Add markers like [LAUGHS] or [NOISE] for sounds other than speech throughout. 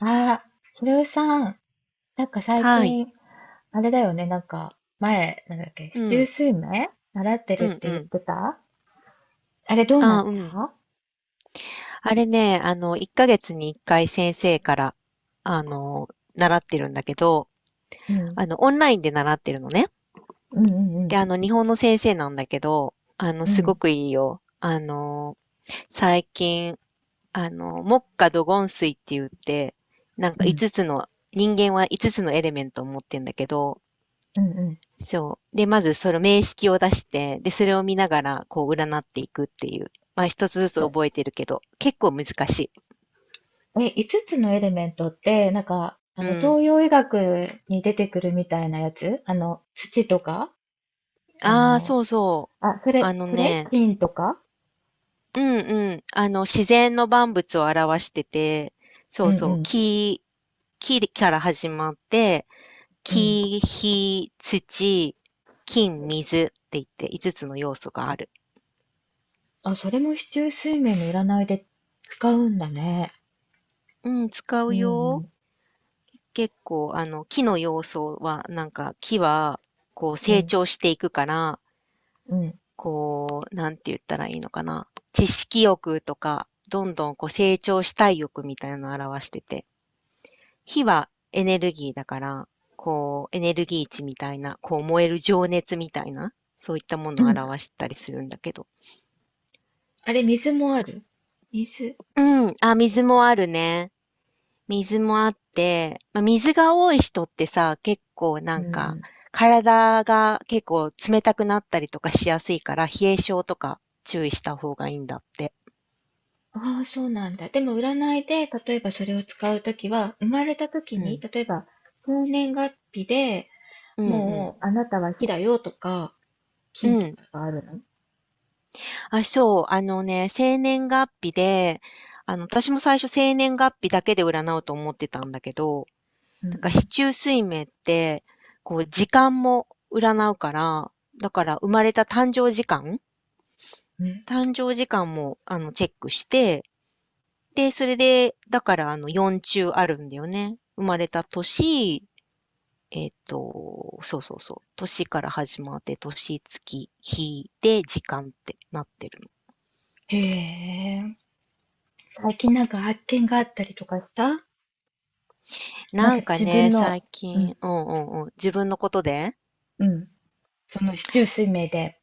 ああ、ひろゆきさん、なんか最はい。近、あれだよね、なんか、前、なんだっけ、う七十ん。数名習ってるうっんてう言っん。てたあれどうなああ、っうん。た？あれね、1ヶ月に1回先生から、あの、習ってるんだけど、うん、オンラインで習ってるのね。うんうんうで、ん、日本の先生なんだけど、うすごん、くいいよ。最近、木火土金水って言って、なんかう5ん、つの、人間は5つのエレメントを持ってんだけど、うん、うそう。で、まずその名式を出して、で、それを見ながら、こう、占っていくっていう。まあ、一つずつ覚えてるけど、結構難しい。ん。え、5つつのエレメントって、なんか、あうの、ん。東洋医学に出てくるみたいなやつあの、土とかあああ、の、そうそう。あ、そあれ、のそれね、金とか。うんうん。自然の万物を表してて、うそうんうそう。ん、木から始まって、うん。木、火、土、金、水って言って、5つの要素がある。あ、それも四柱推命の占いで使うんだね。うん、使ううんうよ。ん、結構、木の要素は、なんか、木は、こう、う成ん、長していくから、うん。こう、なんて言ったらいいのかな。知識欲とか、どんどんこう成長したい欲みたいなのを表してて、火はエネルギーだから、こう、エネルギー値みたいな、こう、燃える情熱みたいな、そういったもうのをん。表したりするんだけど。あれ、水もある？水。うん、あ、水もあるね。水もあって、まあ、水が多い人ってさ、結構なうんか、ん。体が結構冷たくなったりとかしやすいから、冷え性とか注意した方がいいんだって。ああ、そうなんだ。でも占いで、例えばそれを使うときは、生まれたときうに、ん。例えば、生年月日でうんもう、あなたは火だよとか、う金ん。とうかん。があるの？あ、そう。あのね、生年月日で、私も最初生年月日だけで占うと思ってたんだけど、うんなんか四う柱推命って、こう、時間も占うから、だから生まれたん。うん。誕生時間も、チェックして、で、それで、だからあの4中あるんだよね。生まれた年、そうそうそう。年から始まって、年、月、日で時間ってなってるの。へえ。最近なんか発見があったりとかした？なんなかんか自分ね、の、最うん、近、うんうんうん。自分のことでうん。その市中水明で、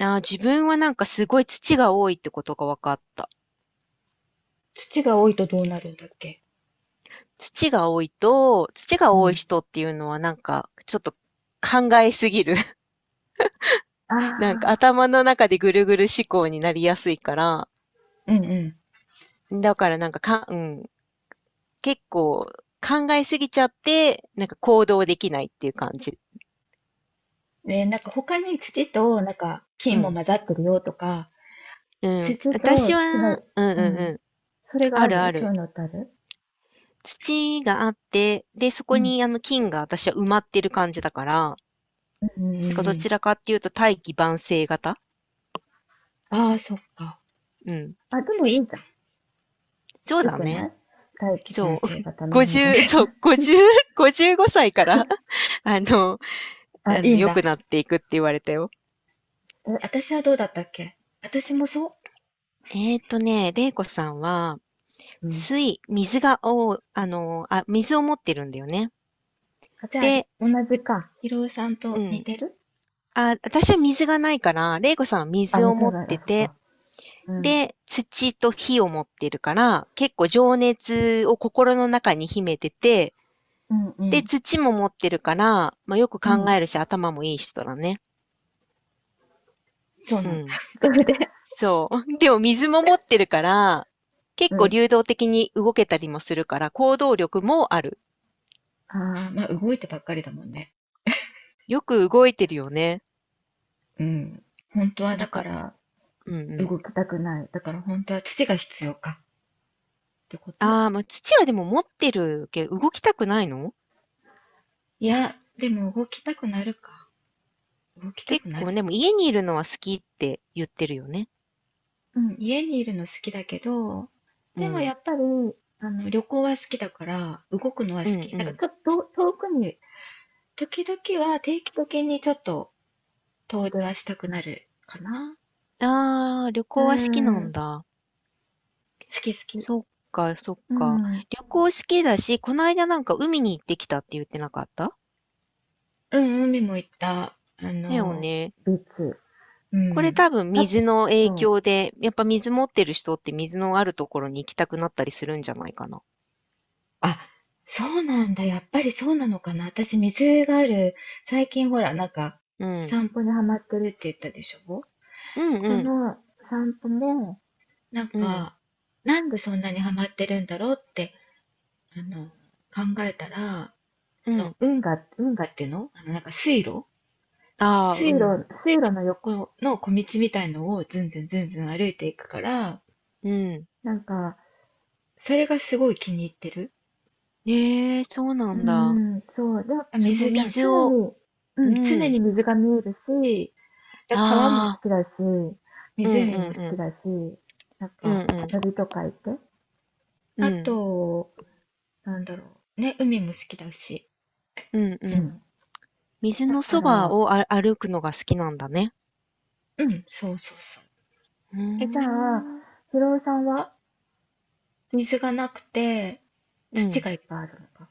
自分はなんかすごい土が多いってことが分かった。土が多いとどうなるんだっけ？土がう多いん。人っていうのはなんか、ちょっと考えすぎる。[LAUGHS] あなんかあ。頭の中でぐるぐる思考になりやすいから、うんうん。だからなんかか、うん、結構考えすぎちゃって、なんか行動できないっていう感じ。ね、なんか他に土となんか金うもん。混ざってるよとか、うん。土と私は、そうんの、うんううん、ん。それがああるるあそうる。いうのってある？土があって、で、そうこん、にあの菌が私は埋まってる感じだから、なうんうんんかうどちん。らかっていうと大器晩成型。ああ、そっか。うん。あ、でもいいじゃん。そうよだくなね。い？大気慣そう。性 [LAUGHS] 型の方が50、ね。そう、50、5歳から [LAUGHS] あの、[LAUGHS] あ、いいん良くだ。なっていくって言われたよ。え、私はどうだったっけ？私もそ玲子さんは、う。うん。水、水が、お、あの、あ、水を持ってるんだよね。あ、じゃあ、ひで、同じか。ひろおさんうと似ん。てる？あ、私は水がないから、レイコさんはあ、水似をて持っない。あ、てそって、か。うん。で、土と火を持ってるから、結構情熱を心の中に秘めてて、うんうで、ん。土も持ってるから、まあ、よくう考ん。えるし、頭もいい人だね。そううなんだ。ん。[LAUGHS] それで、[LAUGHS] そう。[LAUGHS] でも水も持ってるから、う結構ん。流動的に動けたりもするから、行動力もある。ああ、まあ動いてばっかりだもんね。よく動いてるよね。うん。本当はなだんかか、らうんうん。動きたくない。だから本当は土が必要かってこと？ああ、まあ、土はでも持ってるけど、動きたくないの？いや、でも動きたくなるか。動きた結くな構る。でも家にいるのは好きって言ってるよね。うん、家にいるの好きだけど、うでもん。やっぱり、あの、旅行は好きだから、動くのはう好んき。うだからん。ちょっと遠くに、時々は定期的にちょっと遠出はしたくなるかな。ああ、旅う行は好きなんん。だ。好き好き。そっかそっうか。ん。うん、旅行好きだし、この間なんか海に行ってきたって言ってなかった？海も行った。あだよの、ね。ビーチ。うこれん。多分あ、水の影そう。響で、やっぱ水持ってる人って水のあるところに行きたくなったりするんじゃないかな。あ、そうなんだ。やっぱりそうなのかな。私、水がある、最近ほら、なんか、うん。散歩にハマってるって言ったでしょ？うんうそん。の散歩も、なんうん。か、なんでそんなにハマってるんだろうって、あの、考えたら、うその、ん。運河、運河っていうのあの、なんか水路ああ、う水ん。路、水路の横の小道みたいのをずんずんずんずん歩いていくから、うん。なんか、それがすごい気に入ってる。ええ、そうなうーんだ。ん、そう。でも、その水じゃん。水常を、に、うん、う常ん。に水が見えるし、だ川も好ああ、きだし、うんうん湖も、好うきん。だし、なんうんうか、ん。鳥とかいて。うあん。と、なんだろう。ね、海も好きだし。うんううん。ん。水だのかそばら、を歩くのが好きなんだね。うん、そうそうそう。うーえ、じゃあ、ん。ひろおさんは水がなくて、う土ん。がいっぱいあるのか。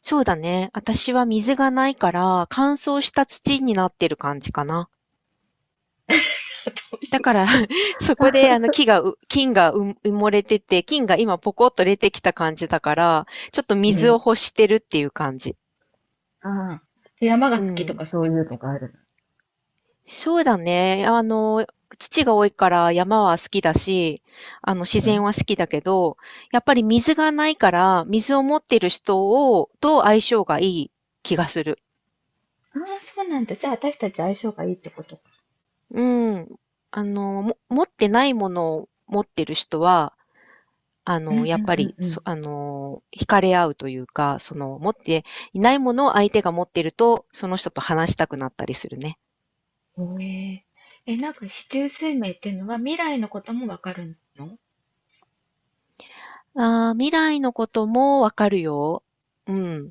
そうだね。私は水がないから、乾燥した土になってる感じかな。だから [LAUGHS] そこで、木がう、菌がう埋もれてて、菌が今ポコッと出てきた感じだから、ちょっとう水をん。欲してるっていう感じ。ああ。で、山がう好きとん。かそういうのがあるそうだね。土が多いから山は好きだし、自の。う然ん。は好きだけど、やっぱり水がないから、水を持ってる人を、と相性がいい気がする。ああ、そうなんだ。じゃあ、私たち相性がいいってことか。うん。持ってないものを持ってる人は、うんやうっんぱうんり、うそん。あの、惹かれ合うというか、その、持っていないものを相手が持ってると、その人と話したくなったりするね。おえー、え、なんか四柱推命っていうのは未来のこともわかるの？ああ、未来のこともわかるよ。うん。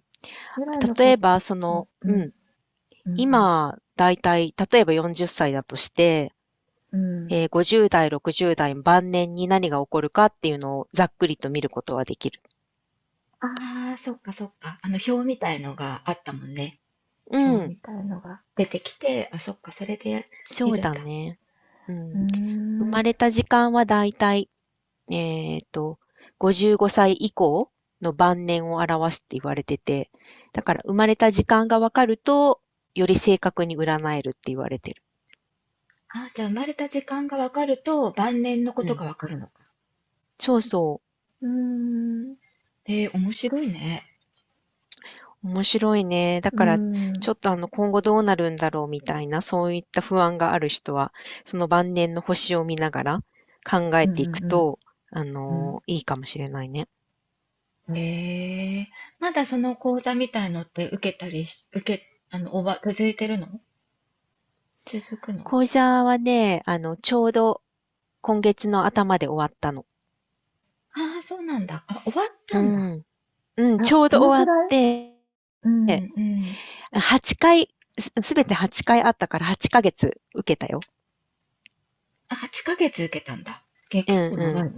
未来の例こえば、その、と、ううん、ん、うん、今、だいたい、例えば40歳だとして、うん、うん。50代、60代晩年に何が起こるかっていうのをざっくりと見ることはできる。ああ、そっかそっか。あの表みたいのがあったもんね。う表みん、たいのが。出てきて、あ、そっか、それでそ見うるんだだ。ね。ううーん。生ん、まれた時間はだいたい、えっと、55歳以降の晩年を表すって言われてて、だから生まれた時間がわかると、より正確に占えるって言われてる。あ、じゃあ生まれた時間がわかると晩年のこうとがん。わかるのか。そうそう。うーん、えー、面白いね。面白いね。だうーん、から、うちん、ょっと今後どうなるんだろうみたいな、そういった不安がある人は、その晩年の星を見ながら考うえん、ていくうと、ん。うんいいかもしれないね。ええまだその講座みたいのって受けたりし、受け、終わ、続いてるの？続くの？講座はね、ちょうど今月の頭で終わったの。ああ、そうなんだ。あ、終わっうたんだ。ん。うん、ちあ、ょうどど終のくわっらい？て、うんうん。8回、すべて8回あったから8ヶ月受けたよ。あ、8ヶ月受けたんだ。け、う結ん、構長いうね。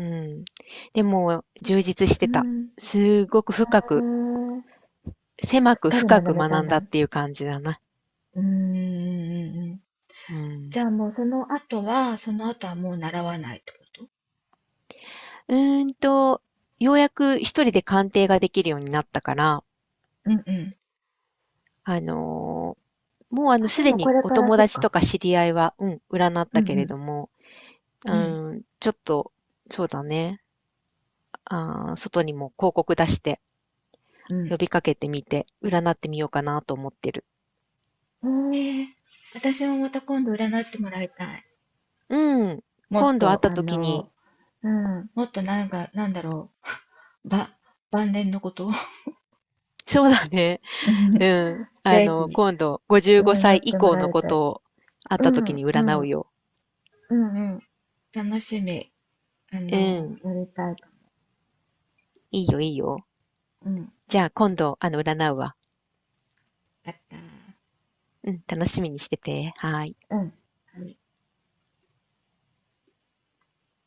ん、うん。でも、充実しうてた。ん。へすごく深くーし狭っくかり深学くべた学んんだだ。っていう感じだな。うんうんうんうん。うじん。ゃあもうその後は、その後はもう習わないってこと？うーんと、ようやく一人で鑑定ができるようになったから、うんうん。あの、もうあ、すででもこにれおから、友そっ達か。とか知り合いは、うん、占っうたんけれうども、うん。うん。ん、ちょっと、そうだね、外にも広告出してうん。呼びかけてみて、占ってみようかなと思ってる。うーん。私もまた今度占ってもらいたい。うん。もっ今度会っと、た時に、うん、もっとなんか、なんだろう、ば、晩年のことを そうだね。[LAUGHS] うんうん。ぜひ、今度55占歳っ以ても降らのいこたい。とを会っうたん、う時ん、に占ううん、よ。うん、楽しみ。うん。やりたい。いいよ、いいよ。うん、じゃあ今度、占うわ。やった。うん、楽しみにしてて。はーい。うん。はい